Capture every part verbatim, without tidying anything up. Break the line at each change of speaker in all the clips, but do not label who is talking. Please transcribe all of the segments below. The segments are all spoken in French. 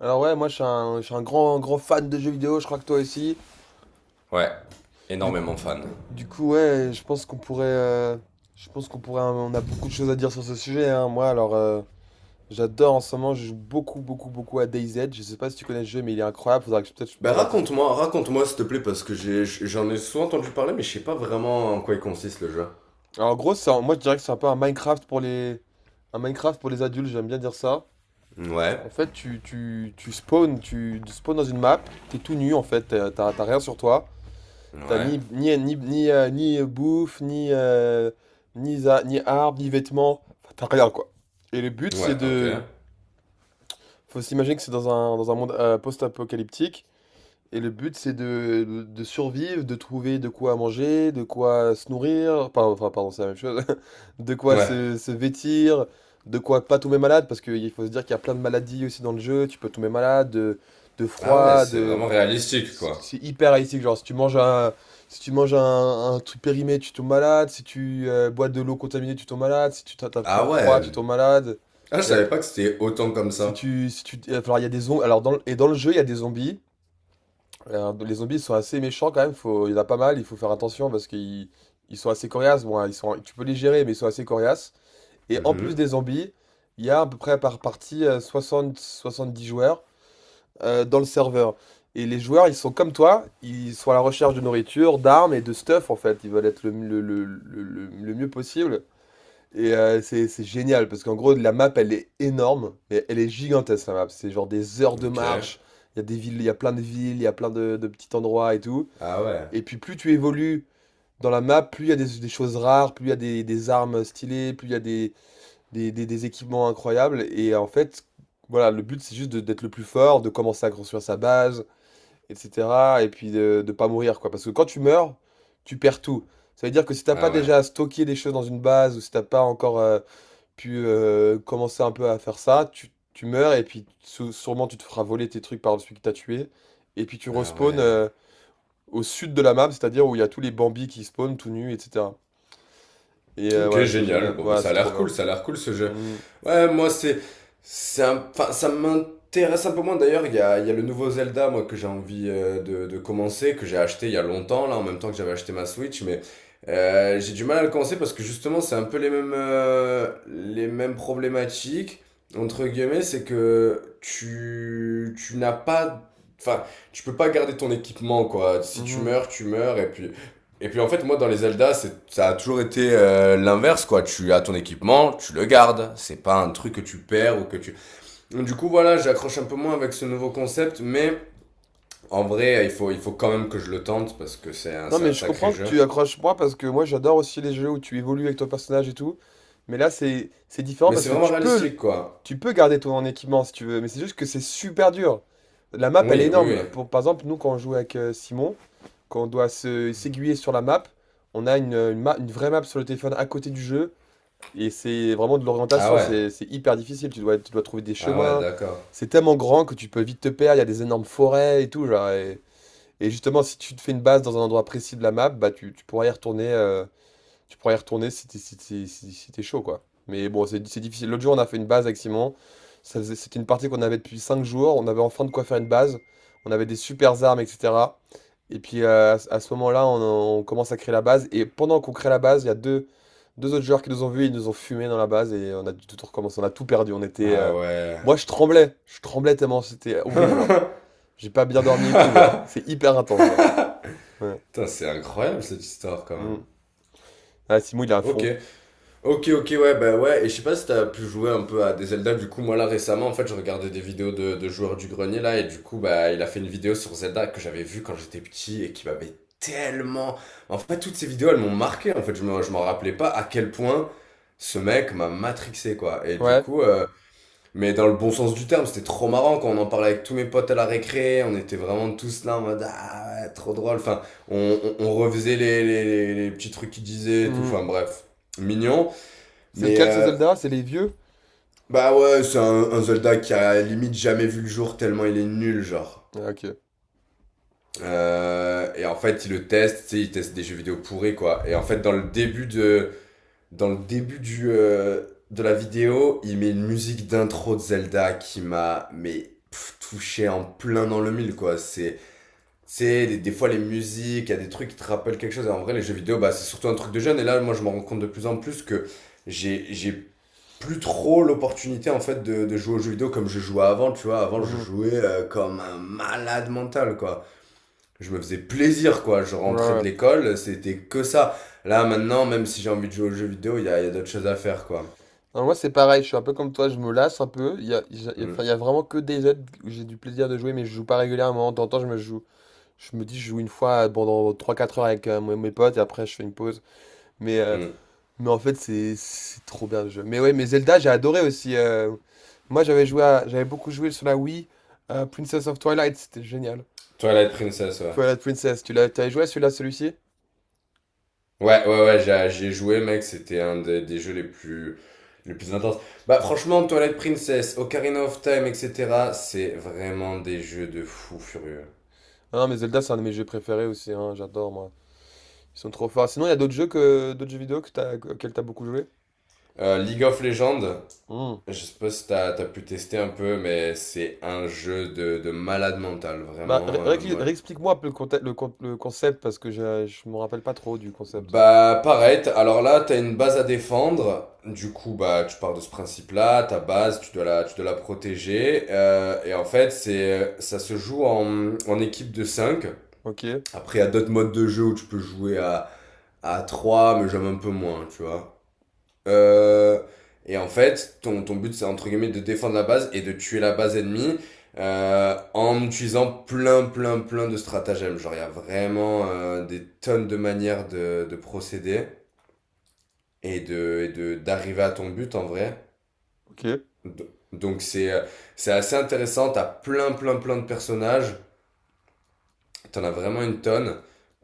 Alors ouais, moi je suis un, je suis un grand, grand fan de jeux vidéo, je crois que toi aussi.
Ouais,
Du coup,
énormément fan.
du coup ouais, je pense qu'on pourrait, euh, je pense qu'on pourrait, hein, on a beaucoup de choses à dire sur ce sujet, hein. Moi alors, euh, j'adore en ce moment, je joue beaucoup, beaucoup, beaucoup à DayZ. Je sais pas si tu connais ce jeu, mais il est incroyable. Faudra que je- peut-être je peux
Ben
te rater.
raconte-moi, raconte-moi s'il te plaît, parce que j'ai, j'en ai souvent entendu parler, mais je sais pas vraiment en quoi il consiste le jeu.
Alors en gros, c'est un- moi je dirais que c'est un peu un Minecraft pour les, un Minecraft pour les adultes. J'aime bien dire ça.
Ouais,
En fait, tu, tu, tu spawns, tu, tu spawns dans une map, t'es tout nu en fait, t'as t'as- t'as rien sur toi. T'as
ouais,
ni, ni, ni, ni, euh, ni, euh, bouffe, ni, euh, ni, za- ni arbre, ni vêtements. Enfin, t'as rien, quoi. Et le but, c'est
ouais, ok.
de. Faut s'imaginer que c'est dans un, dans un monde euh, post-apocalyptique. Et le but, c'est de, de survivre, de trouver de quoi manger, de quoi se nourrir. Enfin, enfin, pardon, c'est la même chose. De quoi
Ouais.
se, se vêtir, de quoi pas tomber malade. Parce qu'il faut se dire qu'il y a plein de maladies aussi dans le jeu. Tu peux tomber malade de, de
Ah ouais,
froid,
c'est vraiment réalistique,
c'est
quoi.
c'est hyper haïtique, genre si tu manges un, si tu manges un, un truc périmé, tu tombes malade, si tu euh, bois de l'eau contaminée, tu tombes malade, si tu t'a-
Ah
t'attrapes froid,
ouais.
tu tombes malade.
Ah, je
Il y a-
savais pas que c'était autant comme
si
ça.
tu, si tu, euh, alors il y a des zombies. Alors dans, le- et dans le jeu, il y a des zombies. Euh, les zombies sont assez méchants quand même. Faut, il y en a pas mal. Il faut faire attention parce qu'ils, ils sont assez coriaces. Bon, hein, ils sont, tu peux les gérer, mais ils sont assez coriaces. Et en plus
Mhm.
des zombies, il y a à peu près par partie euh, soixante dix joueurs euh, dans le serveur. Et les joueurs, ils sont comme toi, ils sont à la recherche de nourriture, d'armes et de stuff en fait. Ils veulent être le, le- le- le- le- le mieux possible. Et euh, c'est c'est génial parce qu'en gros, la map, elle est énorme, mais elle est gigantesque la map. C'est genre des heures de
Ok.
marche. Il y a des villes, il y a plein de villes, il y a plein de, de petits endroits et tout.
Ah ouais.
Et puis plus tu évolues dans la map, plus il y a des, des choses rares, plus il y a des, des armes stylées, plus il y a des, des, des- des équipements incroyables. Et en fait, voilà, le but, c'est juste de- d'être le plus fort, de commencer à construire sa base et cetera et puis de de pas mourir, quoi. Parce que quand tu meurs, tu perds tout. Ça veut dire que si t'as pas
Ah ouais.
déjà stocké des choses dans une base ou si t'as pas encore, heu, pu, heu, commencer un peu à faire ça, tu tu meurs et puis sou sûrement tu te feras voler tes trucs par celui que tu as tué et puis tu
Ah
respawns,
ouais.
heu, au sud de la map, c'est-à-dire où il y a tous les Bambis qui spawnent tout nus et cetera et heu,
Ok,
voilà, c'est
génial.
génial.
Bon, bah,
Voilà
ça
c'est
a
trop
l'air cool,
bien.
ça a l'air cool ce jeu.
Mmh mh.
Ouais, moi, c'est, c'est un, enfin, ça m'intéresse un peu moins. D'ailleurs, il y a, il y a le nouveau Zelda, moi, que j'ai envie euh, de, de commencer, que j'ai acheté il y a longtemps, là, en même temps que j'avais acheté ma Switch, mais euh, j'ai du mal à le commencer parce que justement, c'est un peu les mêmes, euh, les mêmes problématiques, entre guillemets, c'est que tu, tu n'as pas, enfin, tu peux pas garder ton équipement, quoi. Si tu
Mmh.
meurs, tu meurs. Et puis Et puis en fait, moi dans les Zelda, ça a toujours été euh, l'inverse quoi. Tu as ton équipement, tu le gardes. C'est pas un truc que tu perds. Ou que tu. Donc, du coup voilà, j'accroche un peu moins avec ce nouveau concept, mais en vrai, il faut, il faut quand même que je le tente parce que c'est un,
Non,
c'est
mais
un
je
sacré
comprends que
jeu.
tu accroches moi parce que moi j'adore aussi les jeux où tu évolues avec ton personnage et tout. Mais là c'est c'est différent
Mais
parce
c'est
que
vraiment
tu peux le-
réalistique quoi.
tu peux garder ton équipement si tu veux, mais c'est juste que c'est super dur. La map elle est
Oui, oui, oui.
énorme. Pour, par exemple, nous quand on joue avec euh, Simon, quand on doit se s'aiguiller sur la map, on a une, une, ma- une vraie map sur le téléphone à côté du jeu et c'est vraiment de
Ah
l'orientation.
ouais,
C'est c'est hyper difficile. Tu dois tu dois trouver des
ah ouais,
chemins.
d'accord.
C'est tellement grand que tu peux vite te perdre. Il y a des énormes forêts et tout genre. Et- et justement, si tu te fais une base dans un endroit précis de la map, bah tu, tu pourras y retourner, euh, tu pourras y retourner si t'es si t'es- si- si t'es chaud, quoi. Mais bon, c'est c'est difficile. L'autre jour, on a fait une base avec Simon. Ça faisait- C'était une partie qu'on avait depuis cinq jours. On avait enfin de quoi faire une base. On avait des supers armes, et cetera. Et puis euh, à, ce à ce moment-là, on, on commence à créer la base. Et pendant qu'on crée la base, il y a deux, deux autres joueurs qui nous ont vus. Ils nous ont fumé dans la base et on a dû tout recommencer. On a tout perdu. On était.
Ah
Euh,
ouais.
Moi, je tremblais. Je tremblais tellement. C'était horrible, genre. J'ai pas bien dormi et tout, genre. C'est hyper intense, genre. Ouais.
Putain, c'est incroyable cette histoire quand même.
Mm. Ah, Simon, il est à
Ok.
fond.
Ok, ok, ouais, bah ouais, et je sais pas si t'as pu jouer un peu à des Zelda. Du coup, moi là récemment, en fait, je regardais des vidéos de, de joueurs du grenier là, et du coup, bah, il a fait une vidéo sur Zelda que j'avais vue quand j'étais petit et qui m'avait tellement. En fait, toutes ces vidéos, elles m'ont marqué. En fait, je me, je m'en rappelais pas à quel point ce mec m'a matrixé, quoi. Et du
Ouais.
coup, euh, mais dans le bon sens du terme, c'était trop marrant quand on en parlait avec tous mes potes à la récré. On était vraiment tous là en mode, ah, ouais, trop drôle, enfin, on, on, on refaisait les, les, les, les petits trucs qu'il disait et tout.
Mm.
Enfin, bref, mignon.
C'est
Mais
lequel, ce
euh,
Zelda? C'est les vieux?
bah ouais, c'est un, un soldat qui a limite jamais vu le jour tellement il est nul, genre.
Ah, ok.
Euh, et en fait, il le teste, tu sais, il teste des jeux vidéo pourris, quoi. Et en fait, dans le début de, dans le début du, euh, de la vidéo, il met une musique d'intro de Zelda qui m'a, mais, pff, touché en plein dans le mille, quoi. C'est, c'est des, des fois les musiques, il y a des trucs qui te rappellent quelque chose. Et en vrai, les jeux vidéo, bah, c'est surtout un truc de jeune. Et là, moi, je me rends compte de plus en plus que j'ai, j'ai plus trop l'opportunité en fait de, de jouer aux jeux vidéo comme je jouais avant, tu vois. Avant, je
Mm.
jouais euh, comme un malade mental, quoi. Je me faisais plaisir, quoi. Je
Ouais,
rentrais de
ouais.
l'école, c'était que ça. Là, maintenant, même si j'ai envie de jouer aux jeux vidéo, il y a, il y a d'autres choses à faire, quoi.
Non, moi, c'est pareil. Je suis un peu comme toi. Je me lasse un peu. Il y a, il y a- enfin, il
Mm,
y a vraiment que des aides où j'ai du plaisir de jouer, mais je joue pas régulièrement. De temps en temps, je me joue. Je me dis, je joue une fois pendant trois quatre heures avec euh, mes mes potes et après, je fais une pause. Mais, euh,
mm.
mais en fait, c'est c'est trop bien le jeu. Mais ouais, mais Zelda, j'ai adoré aussi. euh. Moi, j'avais joué à- j'avais beaucoup joué sur la Wii. À Princess of Twilight, c'était génial.
Twilight Princess, ouais.
Twilight Princess, tu l'as, t'avais joué à celui-là, celui-ci?
Ouais, ouais, ouais, j'ai- j'y ai joué, mec. C'était un des, des jeux les plus, les plus intenses. Bah, franchement, Twilight Princess, Ocarina of Time, et cetera, c'est vraiment des jeux de fou furieux.
Ah, non, mais Zelda, c'est un de mes jeux préférés aussi, hein, j'adore moi. Ils sont trop forts. Sinon, il y a d'autres jeux que d'autres jeux vidéo que t'as, que- auxquels t'as beaucoup joué?
Euh, League of Legends.
Hmm.
Je sais pas si t'as, t'as pu tester un peu, mais c'est un jeu de, de malade mental,
Bah, ré-
vraiment. euh,
ré-
moi.
réexplique-moi un peu le, conte- le, con- le concept parce que je, je me rappelle pas trop du concept.
Bah, pareil, t'as- alors là, t'as une base à défendre. Du coup, bah, tu pars de ce principe-là, ta base, tu dois la, tu dois la protéger. Euh, et en fait, c'est, ça se joue en, en équipe de cinq.
Ok,
Après, il y a d'autres modes de jeu où tu peux jouer à, à trois, mais j'aime un peu moins, tu vois. Euh, et en fait, ton, ton but, c'est entre guillemets de défendre la base et de tuer la base ennemie euh, en utilisant plein, plein, plein de stratagèmes. Genre, il y a vraiment euh, des tonnes de manières de, de procéder et de, et de, d'arriver à ton but en vrai.
ok.
Donc, c'est, euh, c'est assez intéressant. T'as plein, plein, plein de personnages. T'en as vraiment une tonne.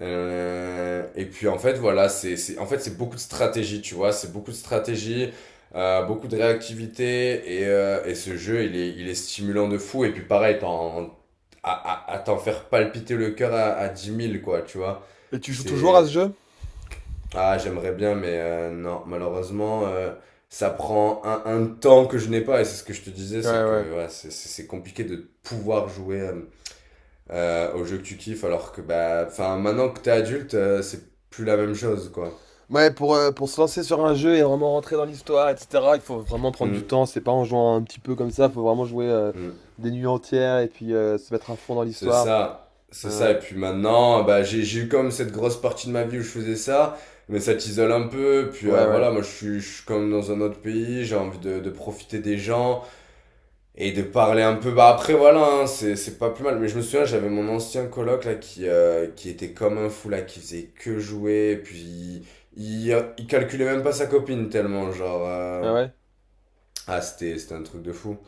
Euh, et puis en fait, voilà, c'est, c'est, en fait, c'est beaucoup de stratégie, tu vois. C'est beaucoup de stratégie, euh, beaucoup de réactivité. Et, euh, et ce jeu, il est, il est stimulant de fou. Et puis pareil, t'en, à, à, à t'en faire palpiter le cœur à, à dix mille, quoi, tu vois.
Et tu joues toujours à ce
C'est.
jeu?
Ah, j'aimerais bien, mais euh, non, malheureusement, euh, ça prend un, un temps que je n'ai pas. Et c'est ce que je te disais, c'est
Ouais, ouais.
que ouais, c'est c'est- c'est compliqué de pouvoir jouer à euh, aux jeux que tu kiffes, alors que bah, enfin, maintenant que t'es adulte, euh, c'est plus la même chose, quoi.
Ouais, pour, euh, pour se lancer sur un jeu et vraiment rentrer dans l'histoire, et cetera, il faut vraiment prendre du
Mm,
temps. C'est pas en jouant un petit peu comme ça, il faut vraiment jouer euh,
mm.
des nuits entières et puis euh, se mettre à fond dans
C'est
l'histoire.
ça,
Ouais,
c'est ça.
ouais.
Et puis maintenant, bah, j'ai j'ai eu comme cette grosse partie de ma vie où je faisais ça, mais ça t'isole un peu. Puis euh,
Ouais, ouais.
voilà, moi, je suis, je suis comme dans un autre pays, j'ai envie de, de profiter des gens et de parler un peu. Bah après, voilà, hein, c'est c'est pas plus mal. Mais je me souviens, j'avais mon ancien coloc là qui euh, qui était comme un fou là, qui faisait que jouer, puis il, il il calculait même pas sa copine tellement, genre. Euh,
Ah ouais?
ah, c'était c'était un truc de fou.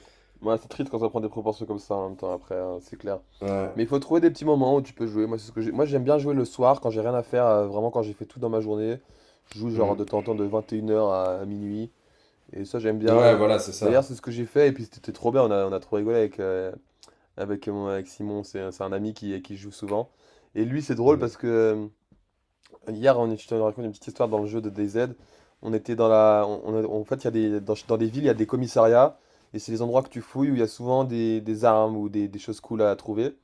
Ouais, c'est triste quand ça prend des proportions comme ça en même temps après, hein, c'est clair.
Ouais.
Mais il faut trouver des petits moments où tu peux jouer. Moi, c'est ce que j'ai- Moi, j'aime bien jouer le soir quand j'ai rien à faire, euh, vraiment quand j'ai fait tout dans ma journée. Je joue genre
Mm.
de temps en temps de vingt et une heures à, à minuit. Et ça, j'aime bien.
Ouais, voilà, c'est
Bah, hier,
ça.
c'est ce que j'ai fait et puis c'était trop bien. On a, on a trop rigolé avec, euh, avec, mon- avec Simon. C'est c'est un ami qui, qui joue souvent. Et lui, c'est drôle
Mm.
parce que euh, hier, on, est- je te raconte une petite histoire dans le jeu de DayZ. On était dans la. On- on a- En fait, il y a des, dans, dans les villes, il y a des commissariats. Et c'est les endroits que tu fouilles où il y a souvent des, des armes ou des, des choses cool à trouver.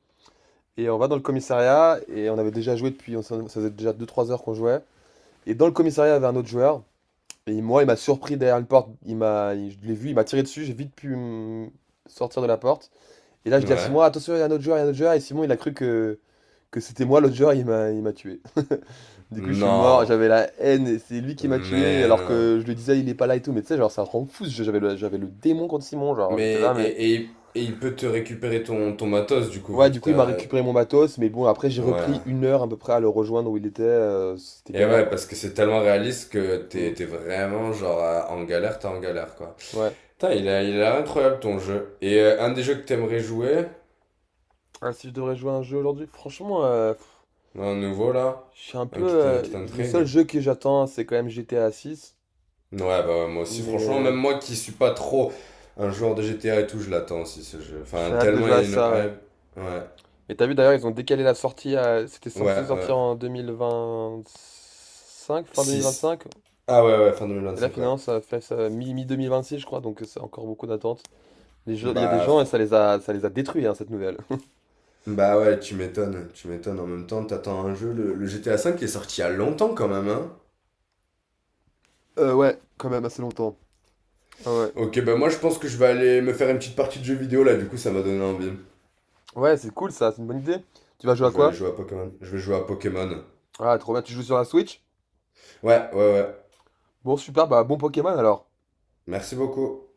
Et on va dans le commissariat et on avait déjà joué depuis. On s'en- ça faisait déjà deux, trois heures qu'on jouait. Et dans le commissariat, il y avait un autre joueur. Et moi, il m'a surpris derrière une porte. Il m'a, il- je l'ai vu, il m'a tiré dessus. J'ai vite pu hum, sortir de la porte. Et là, je dis à
Ouais.
Simon, attention, il y a un autre joueur, il y a un autre joueur. Et Simon, il a cru que que c'était moi l'autre joueur, il m'a il m'a tué. Du coup, je suis mort,
Non.
j'avais la haine, et c'est lui qui m'a tué
Mais
alors
non.
que je lui disais il est pas là et tout, mais tu sais, genre ça rend fou, ce jeu, j'avais le, j'avais le démon contre Simon, genre j'étais
Mais,
là, mais.
et, et, il- et il peut te récupérer ton, ton matos, du coup,
Ouais,
vu
du
qu'il
coup, il m'a
t'a…
récupéré mon matos, mais bon, après, j'ai repris
Ouais.
une heure à peu près à le rejoindre où il était, euh, c'était
Et
galère
ouais,
quoi.
parce que c'est tellement réaliste que
Hmm.
t'es, t'es vraiment, genre, à- en galère, t'es en galère, quoi.
Ouais.
Putain, il a, il a incroyable, ton jeu. Et euh, un des jeux que t'aimerais jouer,
Ah, si je devrais jouer à un jeu aujourd'hui, franchement, euh, pff,
un nouveau, là,
je suis un
un qui
peu.
t'a-
Euh,
qui
le seul
t'intrigue…
jeu que j'attends, c'est quand même G T A six,
Ouais, bah, moi aussi,
mais
franchement, même
euh,
moi qui suis pas trop un joueur de G T A et tout, je l'attends aussi ce jeu.
j'ai
Enfin,
hâte de
tellement
jouer
il y
à
a une
ça, ouais.
hype. Ouais,
Et t'as vu d'ailleurs, ils ont décalé la sortie à... C'était
ouais,
censé sortir
ouais.
en deux mille vingt cinq, fin deux mille vingt
six.
cinq.
Ah ouais, ouais, fin
Et là,
deux mille vingt-cinq, ouais.
finalement, ça fait ça, mi- deux mille vingt six je crois. Donc, euh, c'est encore beaucoup d'attente. Les gens- Il y a des
Bah,
gens et ça
fr-
les a, ça les a détruits, hein, cette nouvelle.
bah ouais, tu m'étonnes, tu m'étonnes. En même temps, t'attends un jeu, le, le G T A cinq qui est sorti il y a longtemps quand même, hein.
Euh, ouais, quand même assez longtemps. Ah ouais.
Ok, bah moi je pense que je vais aller me faire une petite partie de jeu vidéo là, du coup ça m'a donné envie.
Ouais, c'est cool ça, c'est une bonne idée. Tu vas jouer
Je
à
vais aller
quoi?
jouer à Pokémon. Je vais jouer à Pokémon.
Ah, trop bien, tu joues sur la Switch?
Ouais, ouais, ouais.
Bon, super, bah bon Pokémon alors.
Merci beaucoup.